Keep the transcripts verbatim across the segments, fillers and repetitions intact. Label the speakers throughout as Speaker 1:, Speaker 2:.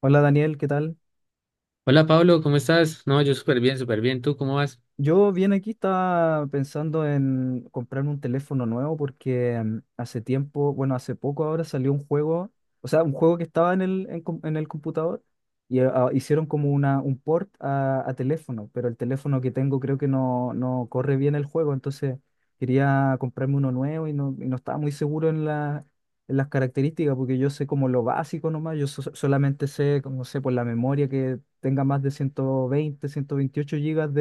Speaker 1: Hola Daniel, ¿qué tal?
Speaker 2: Hola Pablo, ¿cómo estás? No, yo súper bien, súper bien. ¿Tú cómo vas?
Speaker 1: Yo bien, aquí estaba pensando en comprarme un teléfono nuevo porque em, hace tiempo, bueno, hace poco ahora salió un juego, o sea, un juego que estaba en el, en, com- en el computador y eh, ah, hicieron como una, un port a, a teléfono, pero el teléfono que tengo creo que no, no corre bien el juego, entonces quería comprarme uno nuevo y no, y no estaba muy seguro en la, en las características porque yo sé como lo básico nomás, yo so- solamente sé, como sé, por la memoria que tenga más de ciento veinte, ciento veintiocho gigas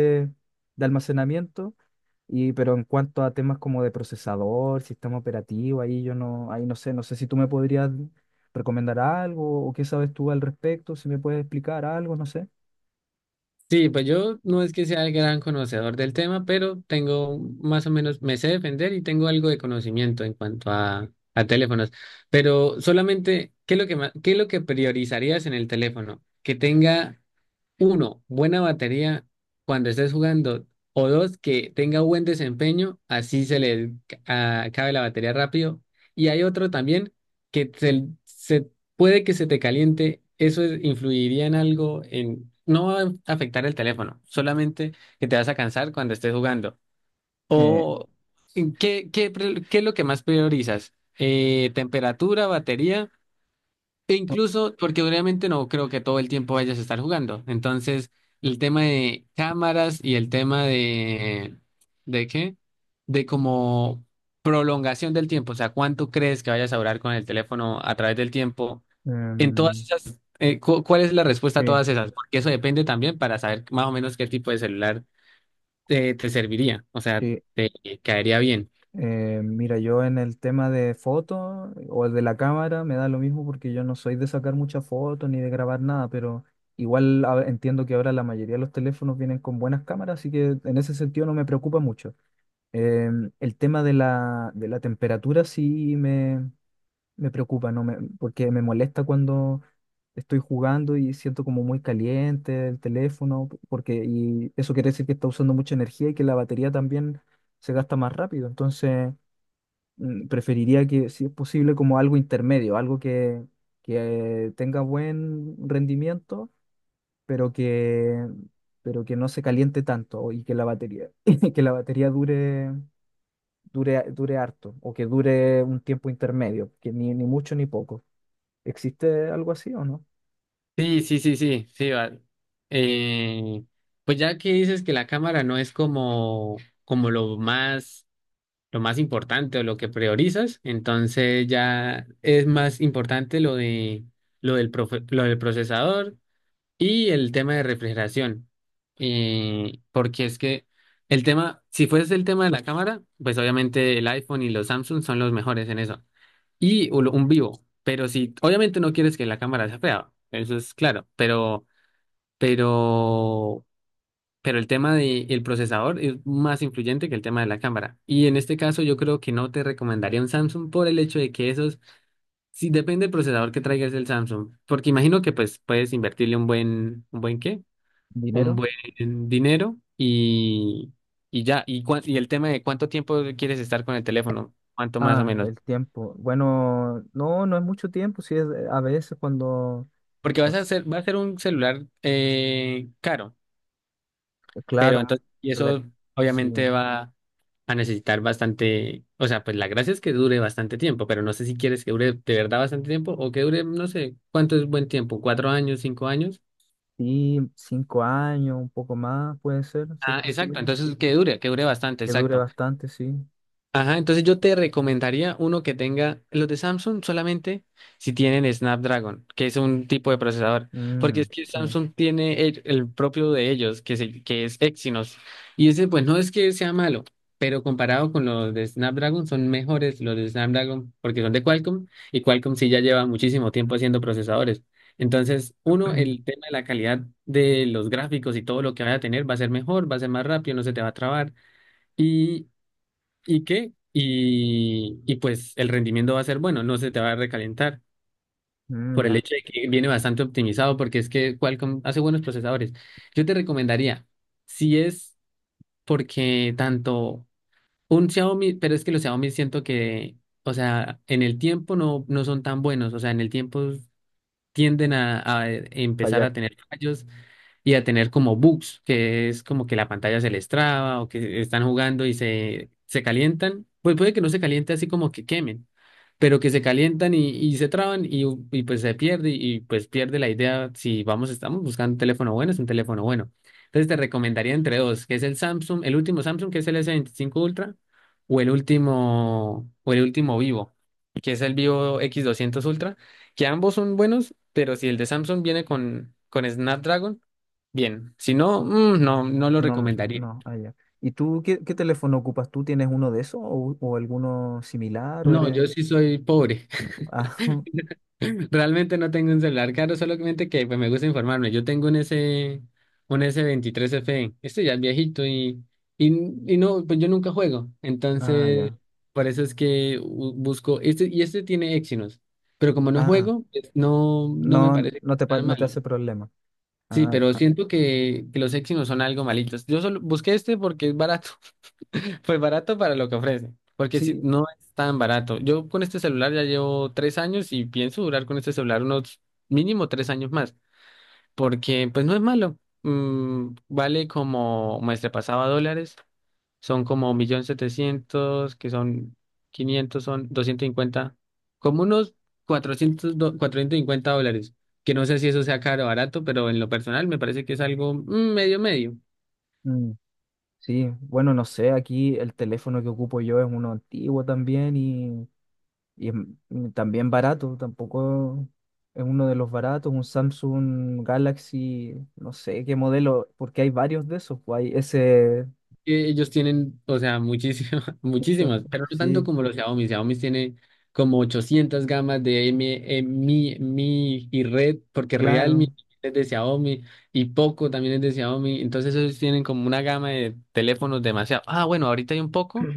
Speaker 1: de almacenamiento, y, pero en cuanto a temas como de procesador, sistema operativo, ahí yo no, ahí no sé, no sé si tú me podrías recomendar algo o qué sabes tú al respecto, si me puedes explicar algo, no sé.
Speaker 2: Sí, pues yo no es que sea el gran conocedor del tema, pero tengo más o menos, me sé defender y tengo algo de conocimiento en cuanto a, a teléfonos. Pero solamente, ¿qué es lo que ma- qué es lo que priorizarías en el teléfono? ¿Que tenga uno, buena batería cuando estés jugando? O dos, que tenga buen desempeño, así se le ca- acabe la batería rápido. Y hay otro también que se, se- puede que se te caliente. Eso es- influiría en algo, en, no va a afectar el teléfono, solamente que te vas a cansar cuando estés jugando.
Speaker 1: Eh,
Speaker 2: O, ¿qué, qué, pre- ¿qué es lo que más priorizas? Eh, ¿temperatura, batería? E
Speaker 1: o-
Speaker 2: incluso, porque obviamente no creo que todo el tiempo vayas a estar jugando. Entonces, el tema de cámaras y el tema de, ¿de qué? De como prolongación del tiempo. O sea, ¿cuánto crees que vayas a durar con el teléfono a través del tiempo? En todas
Speaker 1: em,
Speaker 2: esas, eh, cu- ¿cuál es la respuesta a
Speaker 1: sí,
Speaker 2: todas esas? Porque eso depende también para saber más o menos qué tipo de celular te, te serviría. O sea,
Speaker 1: sí.
Speaker 2: te caería bien.
Speaker 1: Eh, mira, yo en el tema de fotos o de la cámara me da lo mismo porque yo no soy de sacar muchas fotos ni de grabar nada, pero igual a- entiendo que ahora la mayoría de los teléfonos vienen con buenas cámaras, así que en ese sentido no me preocupa mucho. Em, el tema de la, de la temperatura sí me, me preocupa, ¿no? Me- porque me molesta cuando estoy jugando y siento como muy caliente el teléfono, p- porque y eso quiere decir que está usando mucha energía y que la batería también se gasta más rápido. Entonces, mm, preferiría que, si es posible, como algo intermedio, algo que, que tenga buen rendimiento, pero que, pero que no se caliente tanto y que la batería, que la batería dure dure, dure harto o que dure un tiempo intermedio, que ni, ni mucho ni poco. ¿Existe algo así o no?
Speaker 2: Sí, sí, sí, sí, sí, vale. Eh, pues ya que dices que la cámara no es como, como lo más, lo más importante o lo que priorizas, entonces ya es más importante lo de, lo del profe- lo del procesador y el tema de refrigeración. Eh, porque es que el tema, si fuese el tema de la cámara, pues obviamente el iPhone y los Samsung son los mejores en eso y un un vivo. Pero si, obviamente no quieres que la cámara sea fea, eso es claro, pero, pero, pero el tema del procesador es más influyente que el tema de la cámara. Y en este caso yo creo que no te recomendaría un Samsung por el hecho de que esos, si depende del procesador que traigas el Samsung, porque imagino que pues puedes invertirle un buen, un buen qué, un
Speaker 1: ¿Dinero?
Speaker 2: buen dinero y, y ya, y, cua- y el tema de cuánto tiempo quieres estar con el teléfono, cuánto más o
Speaker 1: Ah,
Speaker 2: menos.
Speaker 1: el tiempo. Bueno, no, no es mucho tiempo, sí, es, a veces cuando,
Speaker 2: Porque
Speaker 1: no
Speaker 2: vas a
Speaker 1: sé,
Speaker 2: hacer, va a ser un celular eh, caro, pero
Speaker 1: claro,
Speaker 2: entonces, y
Speaker 1: rela-
Speaker 2: eso
Speaker 1: sí,
Speaker 2: obviamente va a necesitar bastante, o sea, pues la gracia es que dure bastante tiempo, pero no sé si quieres que dure de verdad bastante tiempo o que dure, no sé, ¿cuánto es buen tiempo? ¿Cuatro años, cinco años?
Speaker 1: sí, cinco años, un poco más puede ser, si es
Speaker 2: Ah, exacto,
Speaker 1: posible,
Speaker 2: entonces que dure, que dure bastante,
Speaker 1: que dure
Speaker 2: exacto.
Speaker 1: bastante, sí.
Speaker 2: Ajá, entonces yo te recomendaría uno que tenga los de Samsung solamente si tienen Snapdragon, que es un tipo de procesador, porque es
Speaker 1: Mm,
Speaker 2: que
Speaker 1: sí.
Speaker 2: Samsung tiene el, el propio de ellos, que, se- que es Exynos, y ese pues no es que sea malo, pero comparado con los de Snapdragon son mejores los de Snapdragon porque son de Qualcomm y Qualcomm sí ya lleva muchísimo tiempo haciendo procesadores. Entonces, uno, el tema de la calidad de los gráficos y todo lo que vaya a tener va a ser mejor, va a ser más rápido, no se te va a trabar. ¿Y qué? Y, y pues el rendimiento va a ser bueno, no se te va a recalentar
Speaker 1: Mm,
Speaker 2: por el
Speaker 1: ya,
Speaker 2: hecho de que viene bastante optimizado, porque es que Qualcomm hace buenos procesadores. Yo te recomendaría, si es porque tanto un Xiaomi, pero es que los Xiaomi siento que, o sea, en el tiempo no, no son tan buenos, o sea, en el tiempo tienden a, a, eh, empezar
Speaker 1: fallar.
Speaker 2: a tener fallos y a tener como bugs, que es como que la pantalla se les traba o que están jugando y se, se calientan. Pues puede que no se caliente así como que quemen, pero que se calientan y, y se traban y, y pues se pierde y pues pierde la idea si vamos, estamos buscando un teléfono bueno, es un teléfono bueno. Entonces te recomendaría entre dos, que es el Samsung, el último Samsung, que es el S veinticinco Ultra, o el último, o el último Vivo, que es el Vivo X doscientos Ultra, que ambos son buenos, pero si el de Samsung viene con, con Snapdragon, bien, si no, mm, no, no lo
Speaker 1: No,
Speaker 2: recomendaría.
Speaker 1: no, allá. ¿Y tú qué, qué teléfono ocupas? ¿Tú tienes uno de esos o, o alguno similar o
Speaker 2: No,
Speaker 1: eres...
Speaker 2: yo sí soy pobre.
Speaker 1: Ah,
Speaker 2: Realmente no tengo un celular caro, solamente que pues, me gusta informarme. Yo tengo un S, un S veintitrés F. Este ya es viejito y, y, y no, pues yo nunca juego.
Speaker 1: ah, ya.
Speaker 2: Entonces, por eso es que bu- busco. Este, y este tiene Exynos. Pero como no
Speaker 1: Ah,
Speaker 2: juego, pues, no, no me
Speaker 1: no,
Speaker 2: parece
Speaker 1: no te, pa-
Speaker 2: tan
Speaker 1: no te
Speaker 2: malo.
Speaker 1: hace problema.
Speaker 2: Sí,
Speaker 1: Ah,
Speaker 2: pero siento que, que los Exynos son algo malitos. Yo solo busqué este porque es barato. Pues barato para lo que ofrece, porque si
Speaker 1: sí,
Speaker 2: no es tan barato. Yo con este celular ya llevo tres años y pienso durar con este celular unos mínimo tres años más, porque pues no es malo. Mm, vale, como me pasaba dólares, son como un millón setecientos, que son quinientos son doscientos cincuenta, como unos cuatrocientos do- cuatrocientos cincuenta dólares, que no sé si eso sea caro o barato, pero en lo personal me parece que es algo mm, medio medio.
Speaker 1: mm, sí. Bueno, no sé, aquí el teléfono que ocupo yo es uno antiguo también y, y es m- mm, también barato. Tampoco es uno de los baratos, un Samsung Galaxy, no sé qué modelo, porque hay varios de esos. Pues, hay ese,
Speaker 2: Que ellos tienen, o sea, muchísimas,
Speaker 1: mucho,
Speaker 2: muchísimas, pero no tanto
Speaker 1: sí,
Speaker 2: como los Xiaomi. Xiaomi tiene como ochocientas gamas de M, eh, Mi, Mi y Red, porque Realme
Speaker 1: claro.
Speaker 2: es de Xiaomi y Poco también es de Xiaomi. Entonces ellos tienen como una gama de teléfonos demasiado. Ah, bueno, ahorita hay un Poco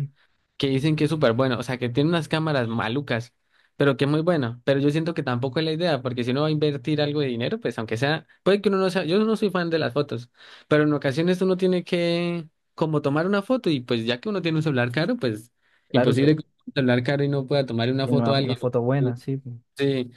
Speaker 2: que dicen que es súper bueno, o sea, que tiene unas cámaras malucas, pero que es muy bueno. Pero yo siento que tampoco es la idea, porque si uno va a invertir algo de dinero, pues aunque sea, puede que uno no sea, yo no soy fan de las fotos, pero en ocasiones uno tiene que como tomar una foto y pues ya que uno tiene un celular caro, pues
Speaker 1: Claro que
Speaker 2: imposible que un celular caro y no pueda tomar una
Speaker 1: tiene una,
Speaker 2: foto a
Speaker 1: una
Speaker 2: alguien.
Speaker 1: foto
Speaker 2: Un-
Speaker 1: buena, sí.
Speaker 2: Sí.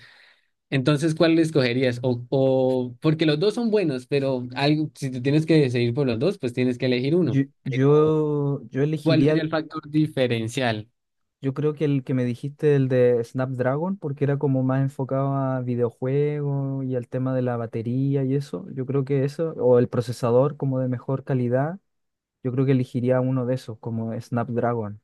Speaker 2: Entonces, ¿cuál escogerías? O, o porque los dos son buenos, pero algo, si te tienes que decidir por los dos, pues tienes que elegir
Speaker 1: Yo,
Speaker 2: uno. O,
Speaker 1: yo, yo
Speaker 2: ¿cuál
Speaker 1: elegiría,
Speaker 2: sería el
Speaker 1: el-
Speaker 2: factor diferencial?
Speaker 1: yo creo que el que me dijiste, el de Snapdragon, porque era como más enfocado a videojuegos y al tema de la batería y eso. Yo creo que eso, o el procesador como de mejor calidad, yo creo que elegiría uno de esos, como Snapdragon.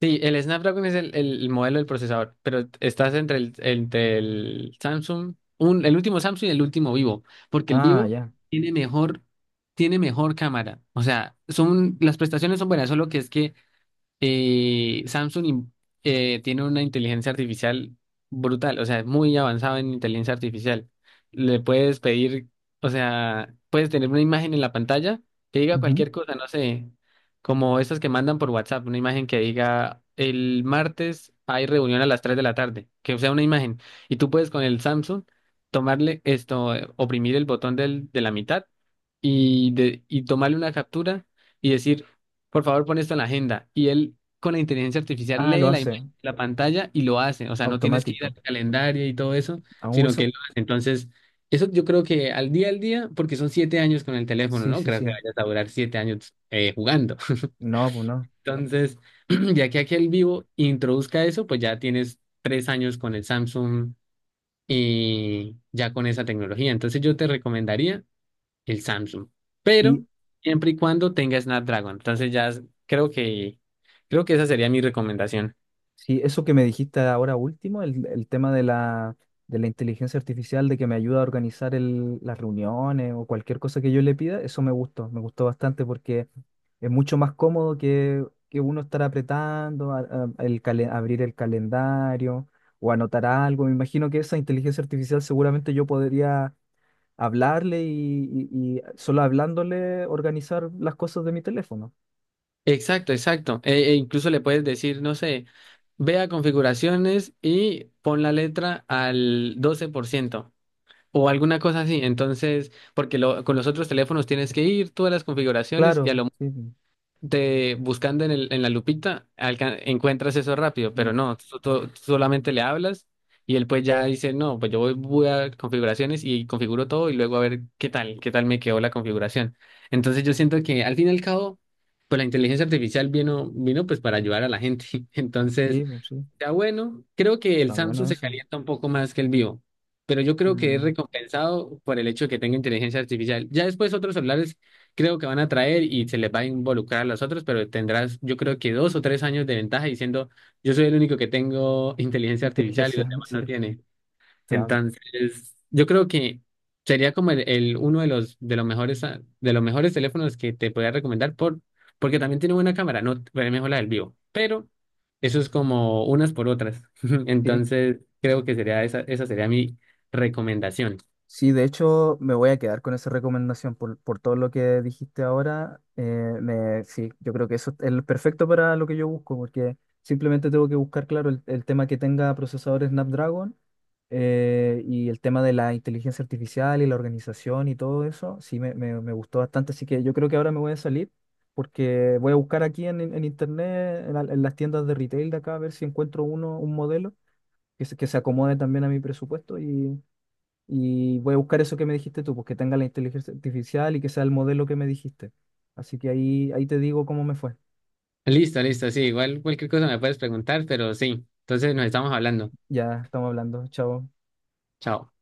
Speaker 2: Sí, el Snapdragon es el, el- modelo del procesador, pero estás entre el, entre el Samsung, un, el último Samsung y el último Vivo, porque el
Speaker 1: Ah,
Speaker 2: Vivo
Speaker 1: ya.
Speaker 2: tiene mejor, tiene mejor cámara. O sea, son, las prestaciones son buenas, solo que es que y Samsung in- eh, tiene una inteligencia artificial brutal, o sea, es muy avanzado en inteligencia artificial. Le puedes pedir, o sea, puedes tener una imagen en la pantalla que diga
Speaker 1: Ujú.
Speaker 2: cualquier cosa, no sé, como estas que mandan por WhatsApp, una imagen que diga el martes hay reunión a las tres de la tarde, que sea una imagen. Y tú puedes con el Samsung tomarle esto, eh, oprimir el botón del, de la mitad y, de, y tomarle una captura y decir, por favor, pon esto en la agenda. Y él con la inteligencia artificial
Speaker 1: Ah, lo
Speaker 2: lee la
Speaker 1: hace,
Speaker 2: imagen de la pantalla y lo hace. O sea, no tienes que ir
Speaker 1: automático.
Speaker 2: al calendario y todo eso,
Speaker 1: Ah,
Speaker 2: sino que
Speaker 1: eso-
Speaker 2: él lo hace. Entonces, eso yo creo que al día al día, porque son siete años con el teléfono,
Speaker 1: sí,
Speaker 2: ¿no?
Speaker 1: sí,
Speaker 2: Creo que
Speaker 1: sí.
Speaker 2: vayas a durar siete años eh, jugando.
Speaker 1: No, pues no.
Speaker 2: Entonces, ya que aquí el vivo introduzca eso, pues ya tienes tres años con el Samsung y ya con esa tecnología. Entonces, yo te recomendaría el Samsung, pero
Speaker 1: Sí,
Speaker 2: siempre y cuando tenga Snapdragon. Entonces ya es- creo que creo que esa sería mi recomendación.
Speaker 1: sí, eso que me dijiste ahora último, el, el tema de la, de la inteligencia artificial, de que me ayuda a organizar el- las reuniones o cualquier cosa que yo le pida, eso me gustó, me gustó bastante porque es mucho más cómodo que, que uno estar apretando, a- a- el calen- abrir el calendario o anotar algo. Me imagino que esa inteligencia artificial seguramente yo podría hablarle y, y y solo hablándole organizar las cosas de mi teléfono.
Speaker 2: Exacto, exacto. E, e incluso le puedes decir, no sé, ve a configuraciones y pon la letra al doce por ciento o alguna cosa así. Entonces, porque lo- con los otros teléfonos tienes que ir tú a las configuraciones y a
Speaker 1: Claro,
Speaker 2: lo
Speaker 1: sí.
Speaker 2: de buscando en el, en la lupita, alca- encuentras eso rápido, pero
Speaker 1: Mm.
Speaker 2: no, tú, tú- tú solamente le hablas y él pues ya dice, no, pues yo voy, voy a configuraciones y configuro todo y luego a ver qué tal, qué tal me quedó la configuración. Entonces yo siento que al fin y al cabo, pues la inteligencia artificial vino, vino pues para ayudar a la gente. Entonces,
Speaker 1: Sí, pues sí,
Speaker 2: está bueno. Creo que el
Speaker 1: está bueno
Speaker 2: Samsung se
Speaker 1: eso.
Speaker 2: calienta un poco más que el Vivo, pero yo creo que es
Speaker 1: Mm,
Speaker 2: recompensado por el hecho de que tenga inteligencia artificial. Ya después otros celulares creo que van a traer y se les va a involucrar a los otros, pero tendrás yo creo que dos o tres años de ventaja diciendo yo soy el único que tengo inteligencia artificial y los
Speaker 1: inteligencia,
Speaker 2: demás no
Speaker 1: sí.
Speaker 2: tienen.
Speaker 1: Está-
Speaker 2: Entonces, yo creo que sería como el, el- uno de los de los mejores ah, de los mejores teléfonos que te podría recomendar por porque también tiene buena cámara, no es mejor la del vivo, pero eso es como unas por otras.
Speaker 1: sí,
Speaker 2: Entonces, creo que sería esa esa sería mi recomendación.
Speaker 1: sí, de hecho me voy a quedar con esa recomendación por, por todo lo que dijiste ahora. eh, me, sí, yo creo que eso es lo perfecto para lo que yo busco, porque simplemente tengo que buscar, claro, el, el tema que tenga procesadores Snapdragon eh, y el tema de la inteligencia artificial y la organización y todo eso. Sí, me, me, me gustó bastante, así que yo creo que ahora me voy a salir porque voy a buscar aquí en, en internet, en, la- en las tiendas de retail de acá, a ver si encuentro uno, un modelo que se, que se acomode también a mi presupuesto y, y voy a buscar eso que me dijiste tú, pues que tenga la inteligencia artificial y que sea el modelo que me dijiste. Así que ahí, ahí te digo cómo me fue.
Speaker 2: Listo, listo, sí, igual cualquier cosa me puedes preguntar, pero sí. Entonces nos estamos hablando.
Speaker 1: Ya estamos hablando. Chao.
Speaker 2: Chao.